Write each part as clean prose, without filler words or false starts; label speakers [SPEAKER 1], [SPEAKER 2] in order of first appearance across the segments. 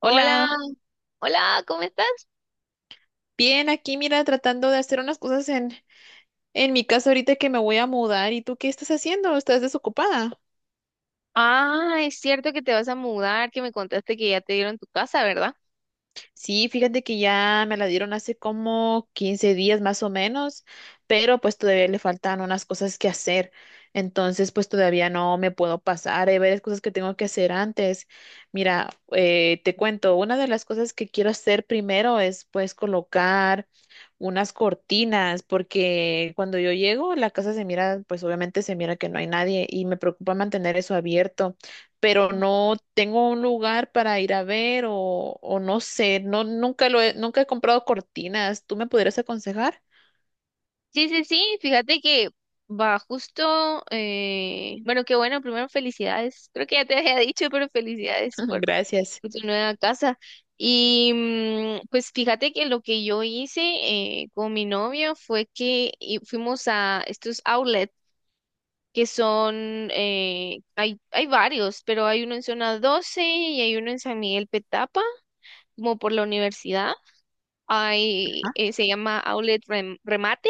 [SPEAKER 1] Hola,
[SPEAKER 2] Hola,
[SPEAKER 1] hola, ¿cómo estás?
[SPEAKER 2] bien, aquí mira, tratando de hacer unas cosas en mi casa ahorita que me voy a mudar. ¿Y tú qué estás haciendo? ¿Estás desocupada?
[SPEAKER 1] Ah, es cierto que te vas a mudar, que me contaste que ya te dieron tu casa, ¿verdad?
[SPEAKER 2] Sí, fíjate que ya me la dieron hace como 15 días más o menos, pero pues todavía le faltan unas cosas que hacer. Entonces, pues todavía no me puedo pasar. Hay varias cosas que tengo que hacer antes. Mira, te cuento, una de las cosas que quiero hacer primero es pues colocar unas cortinas, porque cuando yo llego, la casa se mira, pues obviamente se mira que no hay nadie y me preocupa mantener eso abierto, pero
[SPEAKER 1] Ujú.
[SPEAKER 2] no tengo un lugar para ir a ver o no sé, no, nunca he comprado cortinas. ¿Tú me podrías aconsejar?
[SPEAKER 1] Sí, sí, sí, fíjate que va justo, bueno, qué bueno, primero felicidades, creo que ya te había dicho, pero felicidades por,
[SPEAKER 2] Gracias.
[SPEAKER 1] por tu nueva casa. Y pues fíjate que lo que yo hice con mi novio fue que fuimos a estos outlets. Que son, hay varios, pero hay uno en Zona 12 y hay uno en San Miguel Petapa, como por la universidad. Hay,
[SPEAKER 2] Ajá.
[SPEAKER 1] se llama Outlet Remate,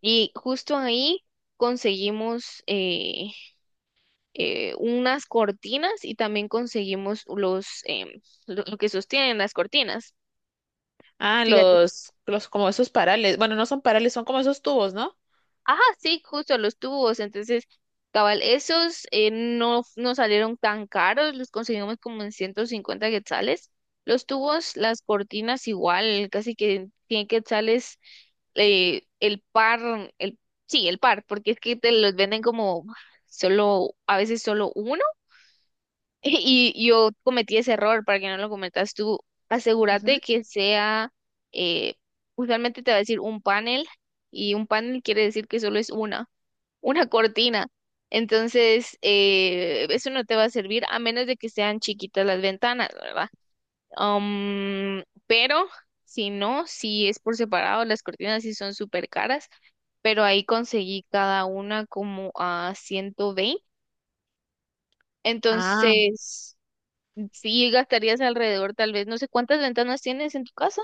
[SPEAKER 1] y justo ahí conseguimos unas cortinas y también conseguimos lo que sostienen las cortinas.
[SPEAKER 2] Ah,
[SPEAKER 1] Fíjate.
[SPEAKER 2] los como esos parales. Bueno, no son parales, son como esos tubos, ¿no?
[SPEAKER 1] Ajá, sí, justo los tubos. Entonces, cabal, esos no salieron tan caros, los conseguimos como en 150 quetzales. Los tubos, las cortinas igual, casi que 100 quetzales, el par, sí, el par, porque es que te los venden como solo, a veces solo uno. Y yo cometí ese error, para que no lo cometas tú,
[SPEAKER 2] Ujú.
[SPEAKER 1] asegúrate que sea, eh, usualmente te va a decir un panel, y un panel quiere decir que solo es una cortina. Entonces, eso no te va a servir a menos de que sean chiquitas las ventanas, ¿verdad? Pero si no, si es por separado, las cortinas sí son súper caras, pero ahí conseguí cada una como a 120.
[SPEAKER 2] Ah,
[SPEAKER 1] Entonces, sí gastarías alrededor, tal vez, no sé cuántas ventanas tienes en tu casa.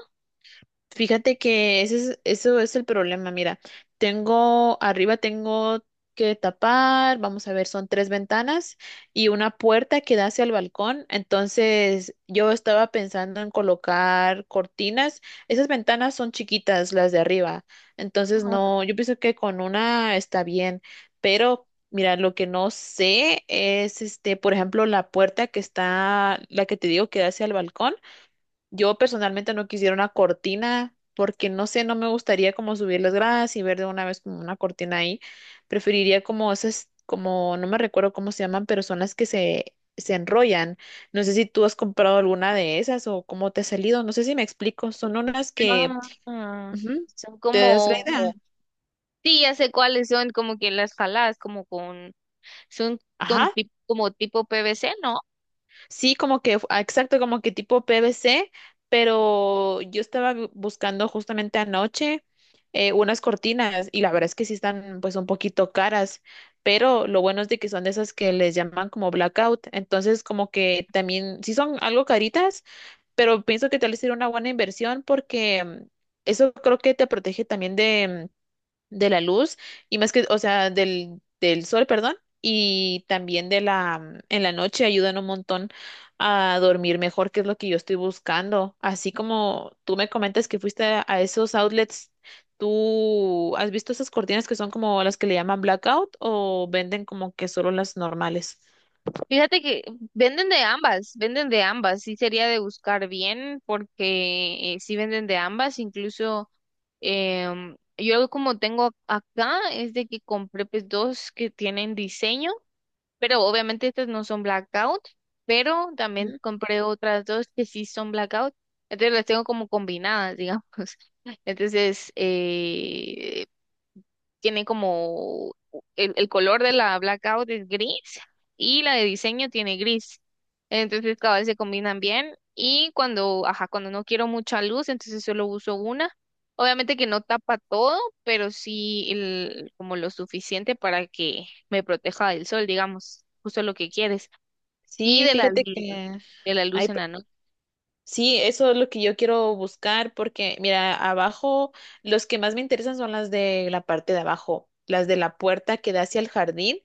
[SPEAKER 2] fíjate que ese es, eso es el problema. Mira, tengo arriba tengo que tapar, vamos a ver, son 3 ventanas y una puerta que da hacia el balcón. Entonces, yo estaba pensando en colocar cortinas. Esas ventanas son chiquitas, las de arriba. Entonces,
[SPEAKER 1] Ah,
[SPEAKER 2] no, yo pienso que con una está bien, pero mira, lo que no sé es, este, por ejemplo, la puerta que está, la que te digo que da hacia el balcón. Yo personalmente no quisiera una cortina porque no sé, no me gustaría como subir las gradas y ver de una vez como una cortina ahí. Preferiría como esas, como no me recuerdo cómo se llaman, pero son las que se enrollan. No sé si tú has comprado alguna de esas o cómo te ha salido. No sé si me explico. Son unas que...
[SPEAKER 1] bueno. Ah,
[SPEAKER 2] ujú,
[SPEAKER 1] son
[SPEAKER 2] ¿te das la
[SPEAKER 1] como,
[SPEAKER 2] idea?
[SPEAKER 1] sí, ya sé cuáles son, como que las jaladas, como con Son
[SPEAKER 2] Ajá.
[SPEAKER 1] como tipo PVC, ¿no?
[SPEAKER 2] Sí, como que, ah, exacto, como que tipo PVC, pero yo estaba buscando justamente anoche unas cortinas y la verdad es que sí están pues un poquito caras, pero lo bueno es de que son de esas que les llaman como blackout, entonces como que también sí son algo caritas, pero pienso que tal vez sería una buena inversión porque eso creo que te protege también de la luz y más que, o sea, del sol, perdón, y también de la, en la noche ayudan un montón a dormir mejor, que es lo que yo estoy buscando. Así como tú me comentas que fuiste a esos outlets, ¿tú has visto esas cortinas que son como las que le llaman blackout o venden como que solo las normales?
[SPEAKER 1] Fíjate que venden de ambas, venden de ambas. Sí sería de buscar bien porque sí venden de ambas. Incluso yo como tengo acá es de que compré pues dos que tienen diseño, pero obviamente estas no son blackout, pero también
[SPEAKER 2] Ujú.
[SPEAKER 1] compré otras dos que sí son blackout. Entonces las tengo como combinadas, digamos. Entonces, tiene como el color de la blackout es gris y la de diseño tiene gris. Entonces cada vez se combinan bien y cuando, ajá, cuando no quiero mucha luz, entonces solo uso una. Obviamente que no tapa todo, pero sí como lo suficiente para que me proteja del sol, digamos, justo lo que quieres. Y
[SPEAKER 2] Sí, fíjate que
[SPEAKER 1] de la
[SPEAKER 2] hay
[SPEAKER 1] luz en la noche.
[SPEAKER 2] sí, eso es lo que yo quiero buscar porque, mira, abajo, los que más me interesan son las de la parte de abajo, las de la puerta que da hacia el jardín,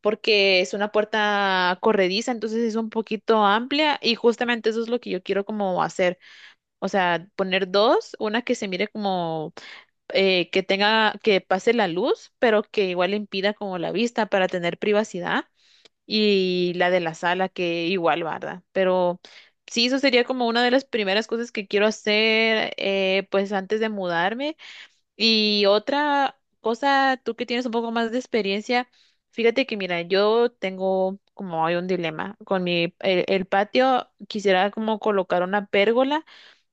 [SPEAKER 2] porque es una puerta corrediza, entonces es un poquito amplia y justamente eso es lo que yo quiero como hacer, o sea, poner dos, una que se mire como que tenga, que pase la luz, pero que igual impida como la vista para tener privacidad y la de la sala, que igual, ¿verdad? Pero sí, eso sería como una de las primeras cosas que quiero hacer, pues antes de mudarme. Y otra cosa, tú que tienes un poco más de experiencia, fíjate que, mira, yo tengo como hay un dilema con mi, el patio, quisiera como colocar una pérgola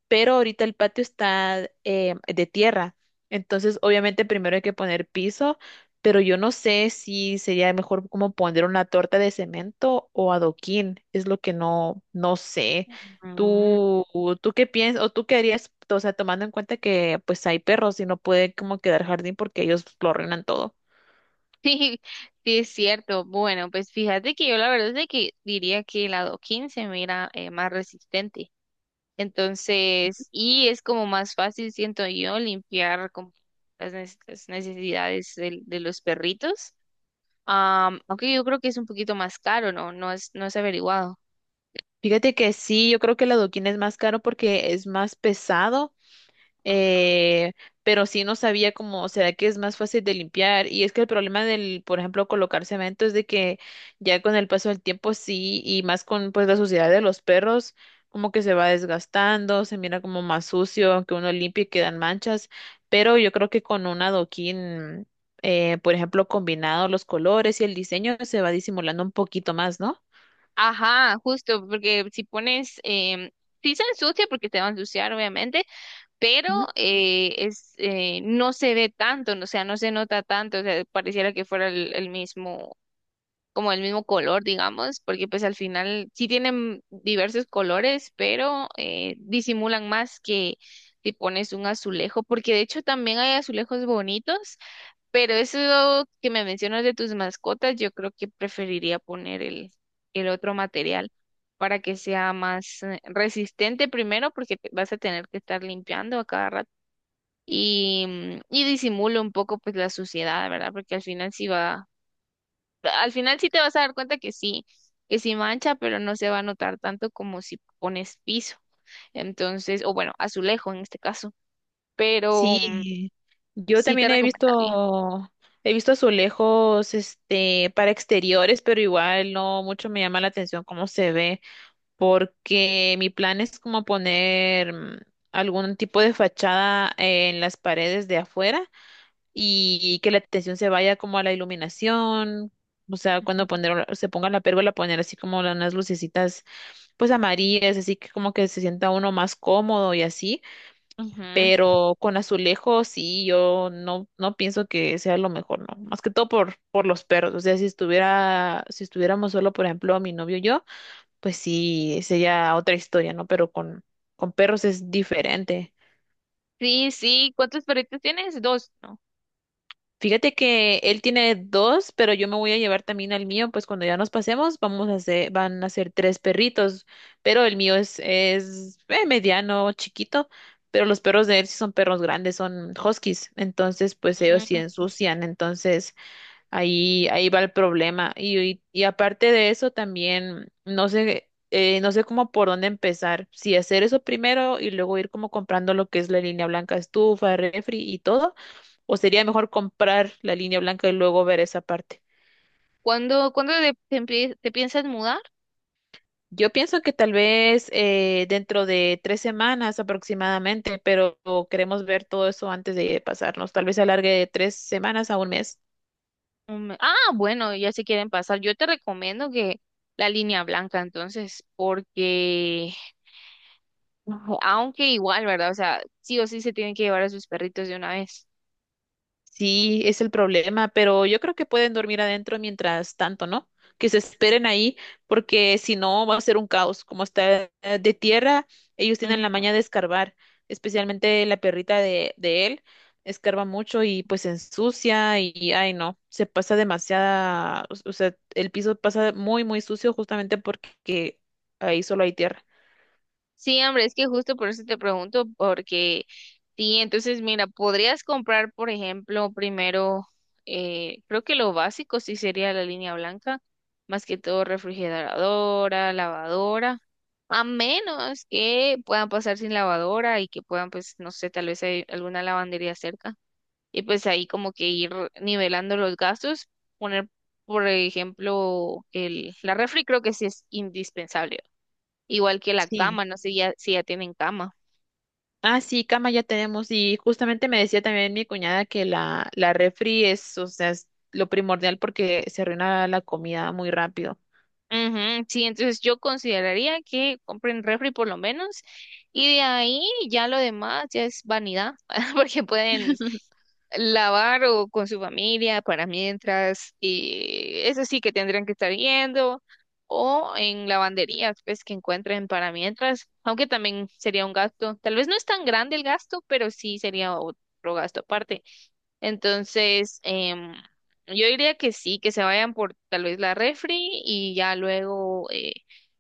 [SPEAKER 2] pero ahorita el patio está de tierra. Entonces, obviamente, primero hay que poner piso, pero yo no sé si sería mejor como poner una torta de cemento o adoquín, es lo que no, no sé. ¿Tú, tú qué piensas o tú qué harías? O sea, tomando en cuenta que pues hay perros y no puede como quedar jardín porque ellos lo arruinan todo.
[SPEAKER 1] Sí, sí es cierto. Bueno, pues fíjate que yo la verdad es de que diría que el lado 15 me era más resistente. Entonces, y es como más fácil, siento yo, limpiar como las necesidades de los perritos. Aunque yo creo que es un poquito más caro, ¿no? No es averiguado.
[SPEAKER 2] Fíjate que sí, yo creo que el adoquín es más caro porque es más pesado,
[SPEAKER 1] Ajá.
[SPEAKER 2] eh, pero sí no sabía cómo, será que es más fácil de limpiar. Y es que el problema del, por ejemplo, colocar cemento es de que ya con el paso del tiempo sí, y más con pues la suciedad de los perros, como que se va desgastando, se mira como más sucio, aunque uno limpie y quedan manchas. Pero yo creo que con un adoquín, por ejemplo, combinado los colores y el diseño, se va disimulando un poquito más, ¿no?
[SPEAKER 1] Ajá, justo, porque si pones, sí se ensucia porque te va a ensuciar, obviamente, pero no se ve tanto, no, o sea, no se nota tanto, o sea, pareciera que fuera el mismo, como el mismo color, digamos, porque pues al final sí tienen diversos colores, pero disimulan más que si pones un azulejo, porque de hecho también hay azulejos bonitos, pero eso que me mencionas de tus mascotas, yo creo que preferiría poner el otro material. Para que sea más resistente primero, porque vas a tener que estar limpiando a cada rato y disimula un poco pues la suciedad, ¿verdad? Porque al final sí te vas a dar cuenta que sí mancha, pero no se va a notar tanto como si pones piso. Entonces, o bueno, azulejo en este caso, pero
[SPEAKER 2] Sí, yo
[SPEAKER 1] sí te
[SPEAKER 2] también
[SPEAKER 1] recomendaría.
[SPEAKER 2] he visto azulejos, este, para exteriores, pero igual no mucho me llama la atención cómo se ve, porque mi plan es como poner algún tipo de fachada en las paredes de afuera y que la atención se vaya como a la iluminación, o sea, cuando
[SPEAKER 1] Ujú.
[SPEAKER 2] poner, se ponga la pérgola, poner así como unas lucecitas, pues amarillas, así que como que se sienta uno más cómodo y así,
[SPEAKER 1] Ujú.
[SPEAKER 2] pero con azulejos sí, yo no, no pienso que sea lo mejor, no, más que todo por los perros, o sea, si estuviera, si estuviéramos solo, por ejemplo, mi novio y yo, pues sí, sería otra historia, ¿no? Pero con perros es diferente.
[SPEAKER 1] Sí, sí, ¿cuántos perritos tienes? Dos, ¿no?
[SPEAKER 2] Fíjate que él tiene dos, pero yo me voy a llevar también al mío, pues cuando ya nos pasemos vamos a hacer, van a ser 3 perritos, pero el mío es mediano, chiquito, pero los perros de él sí son perros grandes, son huskies, entonces pues ellos sí
[SPEAKER 1] Ujú.
[SPEAKER 2] ensucian, entonces ahí, ahí va el problema. Y aparte de eso también no sé, no sé cómo por dónde empezar, si hacer eso primero y luego ir como comprando lo que es la línea blanca, estufa, refri y todo. ¿O sería mejor comprar la línea blanca y luego ver esa parte?
[SPEAKER 1] ¿Cuándo te piensas mudar?
[SPEAKER 2] Yo pienso que tal vez dentro de 3 semanas aproximadamente, pero queremos ver todo eso antes de pasarnos. Tal vez se alargue de 3 semanas a un mes.
[SPEAKER 1] Ah, bueno, ya se quieren pasar. Yo te recomiendo que la línea blanca, entonces, porque. Ujú. Aunque igual, ¿verdad? O sea, sí o sí se tienen que llevar a sus perritos de una vez.
[SPEAKER 2] Sí, es el problema, pero yo creo que pueden dormir adentro mientras tanto, ¿no? Que se esperen ahí, porque si no va a ser un caos. Como está de tierra, ellos tienen la
[SPEAKER 1] Ujú.
[SPEAKER 2] maña de escarbar, especialmente la perrita de él, escarba mucho y pues se ensucia y, ay no, se pasa demasiada, o sea, el piso pasa muy, muy sucio justamente porque ahí solo hay tierra.
[SPEAKER 1] Sí, hombre, es que justo por eso te pregunto, porque sí, entonces mira, podrías comprar, por ejemplo, primero, creo que lo básico sí sería la línea blanca, más que todo refrigeradora, lavadora, a menos que puedan pasar sin lavadora y que puedan, pues, no sé, tal vez hay alguna lavandería cerca. Y pues ahí como que ir nivelando los gastos, poner, por ejemplo, la refri creo que sí es indispensable, igual que la
[SPEAKER 2] Sí.
[SPEAKER 1] cama, no sé ya, si ya tienen cama.
[SPEAKER 2] Ah, sí, cama ya tenemos. Y justamente me decía también mi cuñada que la refri es, o sea, es lo primordial porque se arruina la comida muy rápido.
[SPEAKER 1] Ujú, sí, entonces yo consideraría que compren refri por lo menos y de ahí ya lo demás ya es vanidad, porque pueden lavar o con su familia para mientras, y eso sí que tendrán que estar yendo, o en lavanderías, pues que encuentren para mientras, aunque también sería un gasto, tal vez no es tan grande el gasto, pero sí sería otro gasto aparte. Entonces, yo diría que sí, que se vayan por tal vez la refri y ya luego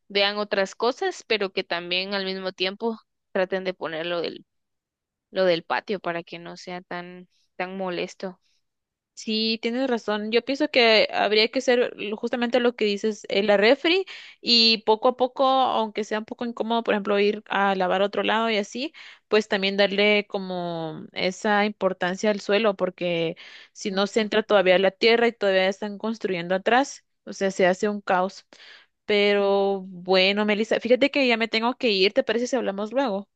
[SPEAKER 1] vean otras cosas, pero que también al mismo tiempo traten de poner lo del patio para que no sea tan, tan molesto.
[SPEAKER 2] Sí, tienes razón. Yo pienso que habría que hacer justamente lo que dices, la refri y poco a poco, aunque sea un poco incómodo, por ejemplo, ir a lavar a otro lado y así, pues también darle como esa importancia al suelo, porque si no se
[SPEAKER 1] Ujú,
[SPEAKER 2] entra todavía la tierra y todavía están construyendo atrás, o sea, se hace un caos.
[SPEAKER 1] ujú.
[SPEAKER 2] Pero bueno, Melissa, fíjate que ya me tengo que ir, ¿te parece si hablamos luego?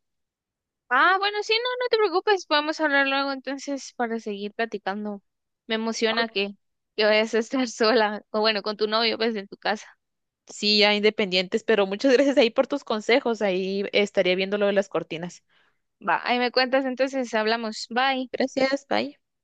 [SPEAKER 1] Ah, bueno, sí, no, no te preocupes, podemos hablar luego entonces para seguir platicando. Me emociona
[SPEAKER 2] Ok.
[SPEAKER 1] que vayas a estar sola, o bueno, con tu novio, pues en tu casa.
[SPEAKER 2] Sí, ya independientes, pero muchas gracias ahí por tus consejos, ahí estaría viendo lo de las cortinas.
[SPEAKER 1] Va, ahí me cuentas entonces, hablamos. Bye.
[SPEAKER 2] Gracias, bye.